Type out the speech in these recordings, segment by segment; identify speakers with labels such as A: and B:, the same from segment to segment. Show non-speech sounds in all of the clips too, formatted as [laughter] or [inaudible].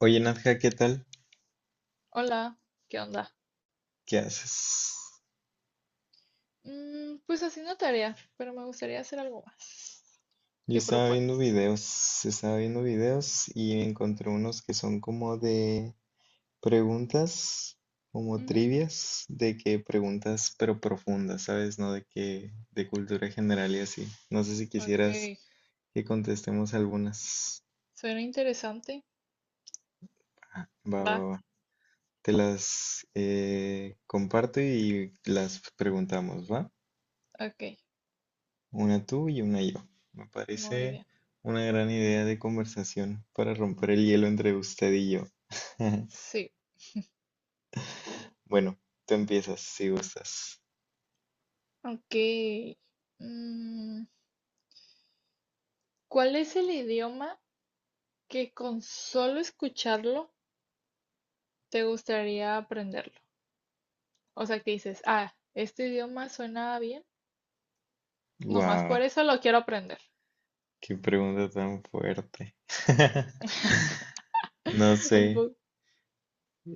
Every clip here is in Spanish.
A: Oye, Nadja, ¿qué tal?
B: Hola, ¿qué onda?
A: ¿Qué haces?
B: Pues haciendo tarea, pero me gustaría hacer algo más.
A: Yo
B: ¿Qué
A: estaba viendo
B: propones?
A: videos, estaba viendo videos y encontré unos que son como de preguntas, como
B: Ujú.
A: trivias, de que preguntas pero profundas, ¿sabes? No de que de cultura general y así. No sé si
B: Ok,
A: quisieras que contestemos algunas.
B: suena interesante.
A: Ah, va, va,
B: Va,
A: va. Te las comparto y las preguntamos, ¿va?
B: ok,
A: Una tú y una yo. Me
B: muy
A: parece
B: bien.
A: una gran idea de conversación para romper el hielo entre usted y yo. [laughs]
B: Sí,
A: Bueno, tú empiezas si gustas.
B: ok. Mm, ¿Cuál es el idioma que con solo escucharlo te gustaría aprenderlo? O sea, que dices, ah, este idioma suena bien, nomás
A: Guau,
B: por eso lo quiero aprender.
A: qué pregunta tan fuerte. [laughs] No
B: [laughs]
A: sé,
B: Un poco.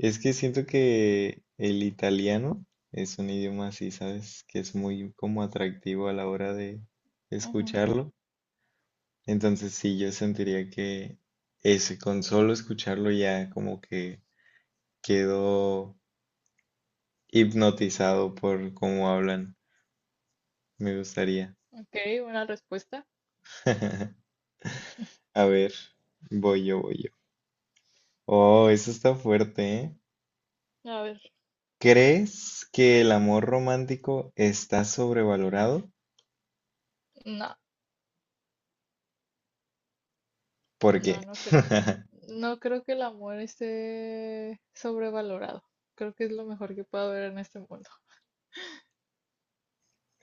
A: es que siento que el italiano es un idioma así, ¿sabes? Que es muy como atractivo a la hora de
B: Ujú.
A: escucharlo. Entonces sí, yo sentiría que ese, con solo escucharlo ya como que quedo hipnotizado por cómo hablan. Me gustaría.
B: Ok, una respuesta.
A: [laughs] A ver, voy yo, voy yo. Oh, eso está fuerte, ¿eh?
B: A ver,
A: ¿Crees que el amor romántico está sobrevalorado?
B: no,
A: ¿Por qué?
B: no creo.
A: [laughs]
B: No creo que el amor esté sobrevalorado. Creo que es lo mejor que puedo ver en este mundo.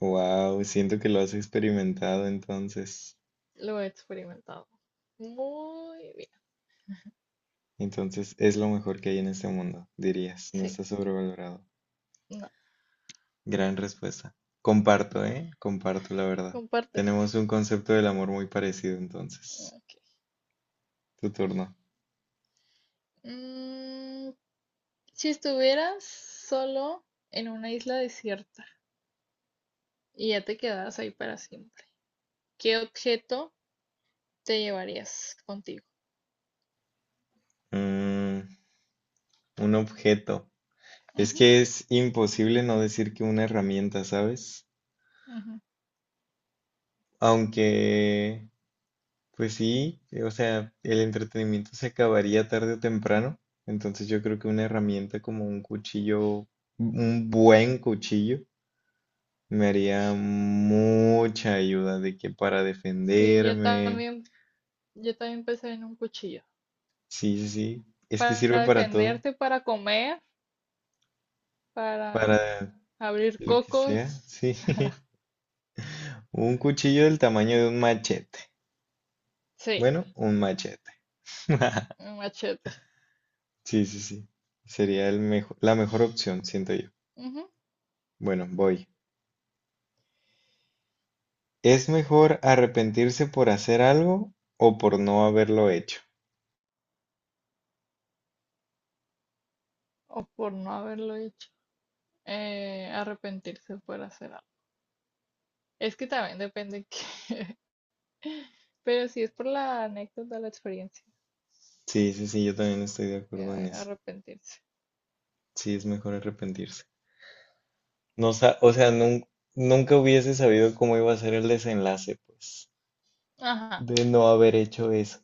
A: Wow, siento que lo has experimentado entonces.
B: Lo he experimentado. Muy bien.
A: Entonces es lo mejor que hay en este mundo, dirías. No
B: Sí,
A: está sobrevalorado.
B: no.
A: Gran respuesta. Comparto, ¿eh? Comparto la verdad.
B: Compartes.
A: Tenemos un concepto del amor muy parecido entonces.
B: Ok.
A: Tu turno.
B: Mm, si estuvieras solo en una isla desierta y ya te quedas ahí para siempre, ¿qué objeto te llevarías contigo?
A: Mm, un objeto. Es
B: Ujú,
A: que es imposible no decir que una herramienta, ¿sabes?
B: ujú.
A: Aunque, pues sí, o sea, el entretenimiento se acabaría tarde o temprano. Entonces yo creo que una herramienta como un cuchillo, un buen cuchillo, me haría mucha ayuda de que para
B: Sí,
A: defenderme.
B: yo también pensé en un cuchillo.
A: Sí, sí, sí. Es que sirve
B: Para
A: para todo,
B: defenderte, para comer, para
A: para
B: abrir
A: lo que sea.
B: cocos,
A: Sí. [laughs] Un cuchillo del tamaño de un machete.
B: sí,
A: Bueno, un machete. [laughs]
B: un machete.
A: Sí, sí, sí. Sería el la mejor opción, siento yo.
B: Ujú.
A: Bueno, voy. ¿Es mejor arrepentirse por hacer algo o por no haberlo hecho?
B: O por no haberlo hecho. Arrepentirse por hacer algo. Es que también depende qué. [laughs] Pero si es por la anécdota, la experiencia,
A: Sí, sí, sí, yo también estoy de acuerdo en eso.
B: arrepentirse.
A: Sí, es mejor arrepentirse. No sa- O sea, nunca hubiese sabido cómo iba a ser el desenlace, pues,
B: Ajá.
A: de no haber hecho eso.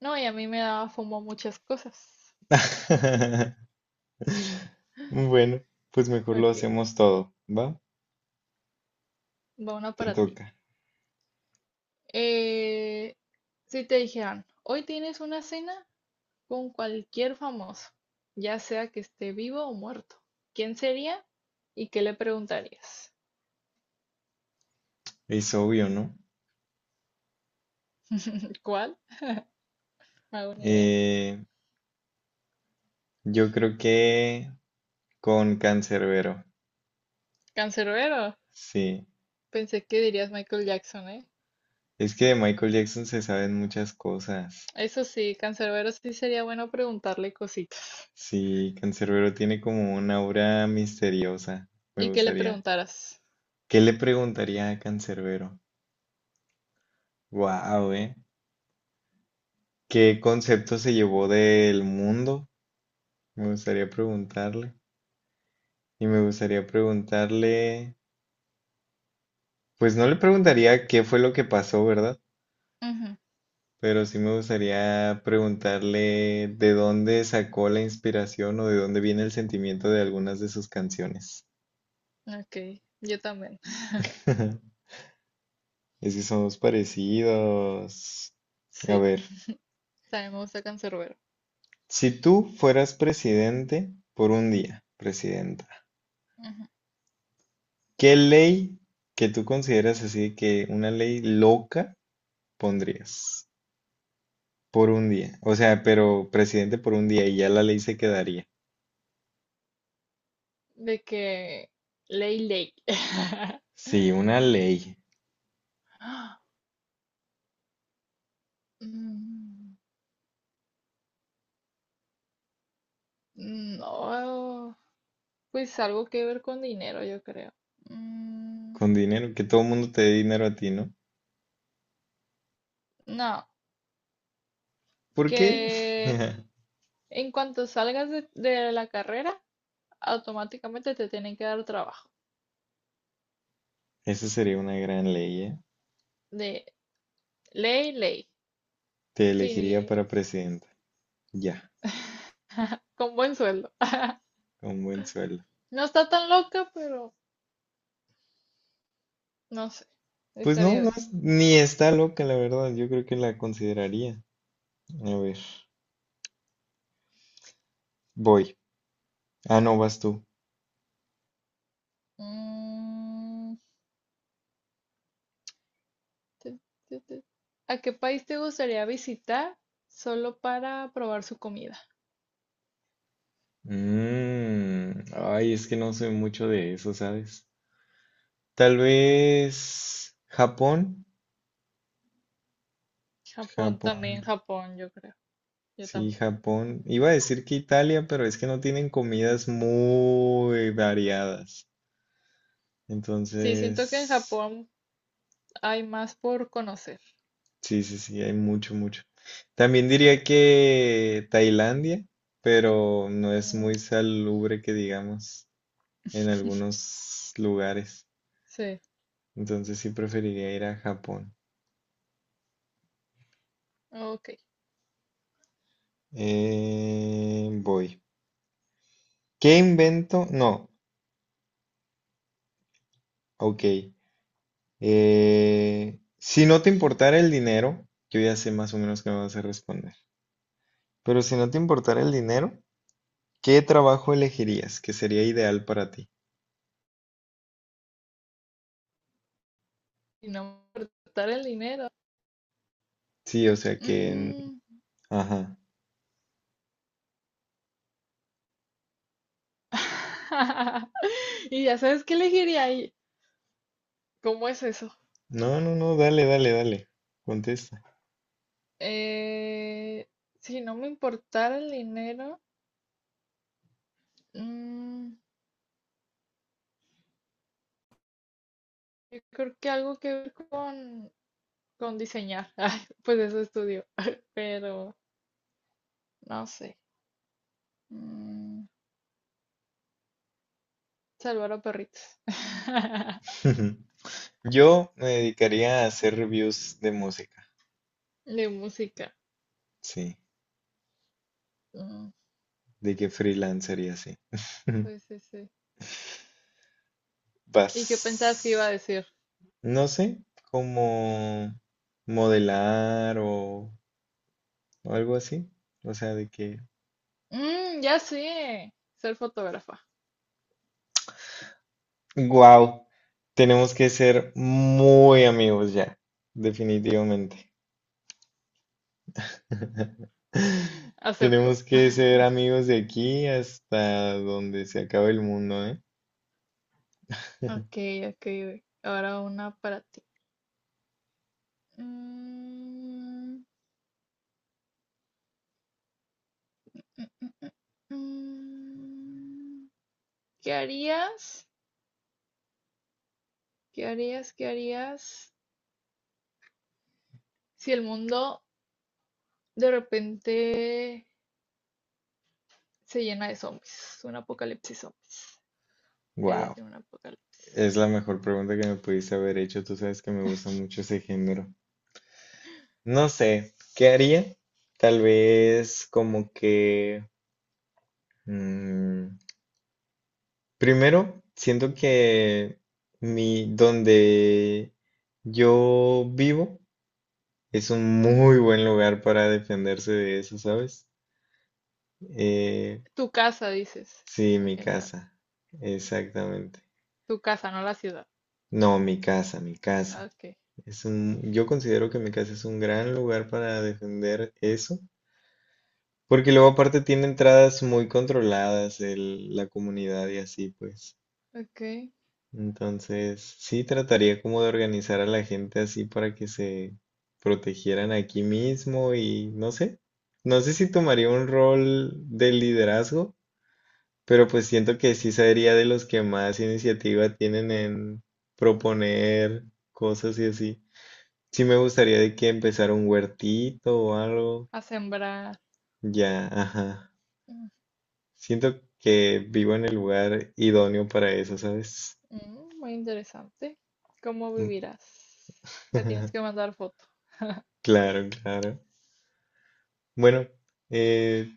B: No, y a mí me daba fomo muchas cosas. [laughs]
A: [laughs] Bueno, pues mejor lo
B: Ok,
A: hacemos todo, ¿va?
B: va una
A: Te
B: para ti.
A: toca.
B: Eh, si te dijeran, hoy tienes una cena con cualquier famoso, ya sea que esté vivo o muerto. ¿Quién sería y qué le preguntarías?
A: Es obvio, ¿no?
B: ¿Cuál? No hago ni idea.
A: Eh, Yo creo que con Cancerbero,
B: ¿Cancerbero?
A: sí.
B: Pensé que dirías Michael Jackson, ¿eh?
A: Es que de Michael Jackson se saben muchas cosas.
B: Eso sí, Cancerbero sí sería bueno preguntarle cositas.
A: Sí, Cancerbero tiene como una aura misteriosa, me
B: ¿Y qué le
A: gustaría.
B: preguntaras?
A: ¿Qué le preguntaría a Cancerbero? Wow, ¿eh? ¿Qué concepto se llevó del mundo? Me gustaría preguntarle. Y me gustaría preguntarle, pues no le preguntaría qué fue lo que pasó, ¿verdad?
B: Ujú.
A: Pero sí me gustaría preguntarle de dónde sacó la inspiración o de dónde viene el sentimiento de algunas de sus canciones.
B: Ok, yo también.
A: [laughs] Es que somos parecidos. A
B: Sí,
A: ver,
B: también me gusta Cancerbero.
A: si tú fueras presidente por un día, presidenta,
B: Ujú.
A: ¿qué ley que tú consideras así que una ley loca pondrías por un día? O sea, pero presidente por un día y ya la ley se quedaría.
B: De que... Ley, ley.
A: Sí, una ley
B: [laughs] No. Pues algo que ver con dinero, yo creo. Mm,
A: con dinero, que todo el mundo te dé dinero a ti, ¿no?
B: no,
A: ¿Por qué?
B: que
A: [laughs]
B: en cuanto salgas de la carrera, automáticamente te tienen que dar trabajo.
A: Esa sería una gran ley, ¿eh?
B: De ley, ley.
A: Te elegiría
B: Sí,
A: para presidenta. Ya,
B: con buen sueldo. [laughs]
A: con buen sueldo.
B: No está tan loca, pero no sé.
A: Pues no,
B: Estaría
A: no,
B: bien.
A: es- ni está loca, la verdad. Yo creo que la consideraría. A ver, voy. Ah, no, vas tú.
B: Mm, tu, tu. ¿A qué país te gustaría visitar solo para probar su comida?
A: Mm, ay, es que no sé mucho de eso, ¿sabes? Tal vez Japón.
B: Japón también,
A: Japón.
B: Japón, yo creo. Yo
A: Sí,
B: también.
A: Japón. Iba a decir que Italia, pero es que no tienen comidas muy variadas.
B: Sí, siento que en
A: Entonces…
B: Japón hay más por conocer.
A: Sí, sí, sí, hay mucho, mucho. También diría que Tailandia, pero no es muy
B: Mm.
A: salubre que digamos en
B: [laughs]
A: algunos lugares.
B: Sí,
A: Entonces sí preferiría ir a Japón.
B: ok.
A: Voy. ¿Qué invento? No, ok. Si no te importara el dinero, yo ya sé más o menos qué me vas a responder. Pero si no te importara el dinero, ¿qué trabajo elegirías que sería ideal para ti?
B: Y no importar el dinero.
A: Sí, o sea que…
B: Mm.
A: Ajá.
B: [laughs] Y ya sabes qué elegiría ahí. ¿Cómo es eso?
A: No, no, no, dale, dale, dale. Contesta.
B: Eh, si no me importara el dinero, mm, yo creo que algo que ver con diseñar. [laughs] Ay, pues eso estudio. [laughs] Pero no sé. Mm, salvar a perritos. [laughs]
A: [laughs] Yo me dedicaría a hacer reviews de música.
B: De música.
A: Sí,
B: Mm,
A: de que freelancer y así. [laughs]
B: sí, sí, sí. ¿Y qué pensabas que iba a
A: Vas.
B: decir?
A: No sé, como modelar o algo así. O sea, de que.
B: "Mm, ya sé, ser fotógrafa.
A: Wow, tenemos que ser muy amigos ya, definitivamente. [laughs]
B: Acepto.
A: Tenemos que ser amigos de aquí hasta donde se acabe el mundo, ¿eh?
B: Ok, ok. Ahora una para ti. Mm, mm, mm, mm. ¿Qué harías? ¿Qué harías? ¿Qué harías si el mundo de repente se llena de zombies? Un apocalipsis zombies. ¿Qué harías
A: Wow,
B: en un apocalipsis?
A: es la mejor pregunta que me pudiste haber hecho. Tú sabes que me gusta mucho ese género. No sé, ¿qué haría? Tal vez como que mm, primero siento que mi donde yo vivo es un muy buen lugar para defenderse de eso, ¿sabes? Eh,
B: Tu casa, dices,
A: sí,
B: en
A: mi
B: general.
A: casa,
B: Ok.
A: exactamente.
B: Tu casa, no la ciudad.
A: No, mi casa, mi
B: Ah,
A: casa.
B: ok,
A: Yo considero que mi casa es un gran lugar para defender eso, porque luego aparte tiene entradas muy controladas la comunidad y así pues.
B: ok.
A: Entonces, sí trataría como de organizar a la gente así para que se protegieran aquí mismo y no sé, no sé si tomaría un rol de liderazgo, pero pues siento que sí sería de los que más iniciativa tienen en proponer cosas y así. Sí me gustaría de que empezara un huertito o algo.
B: A sembrar.
A: Ya, ajá. Siento que vivo en el lugar idóneo para eso, ¿sabes?
B: Ujú, muy interesante. ¿Cómo vivirás? Me tienes que
A: [laughs]
B: mandar foto.
A: Claro, claro. Bueno, eh,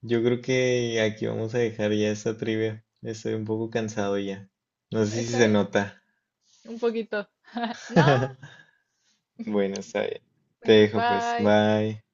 A: yo creo que aquí vamos a dejar ya esta trivia. Estoy un poco cansado ya. No sé si
B: ¿Está
A: se
B: bien?
A: nota.
B: Un poquito. ¿No?
A: [laughs] Bueno, está bien. Te
B: Bueno,
A: dejo pues.
B: bye.
A: Bye.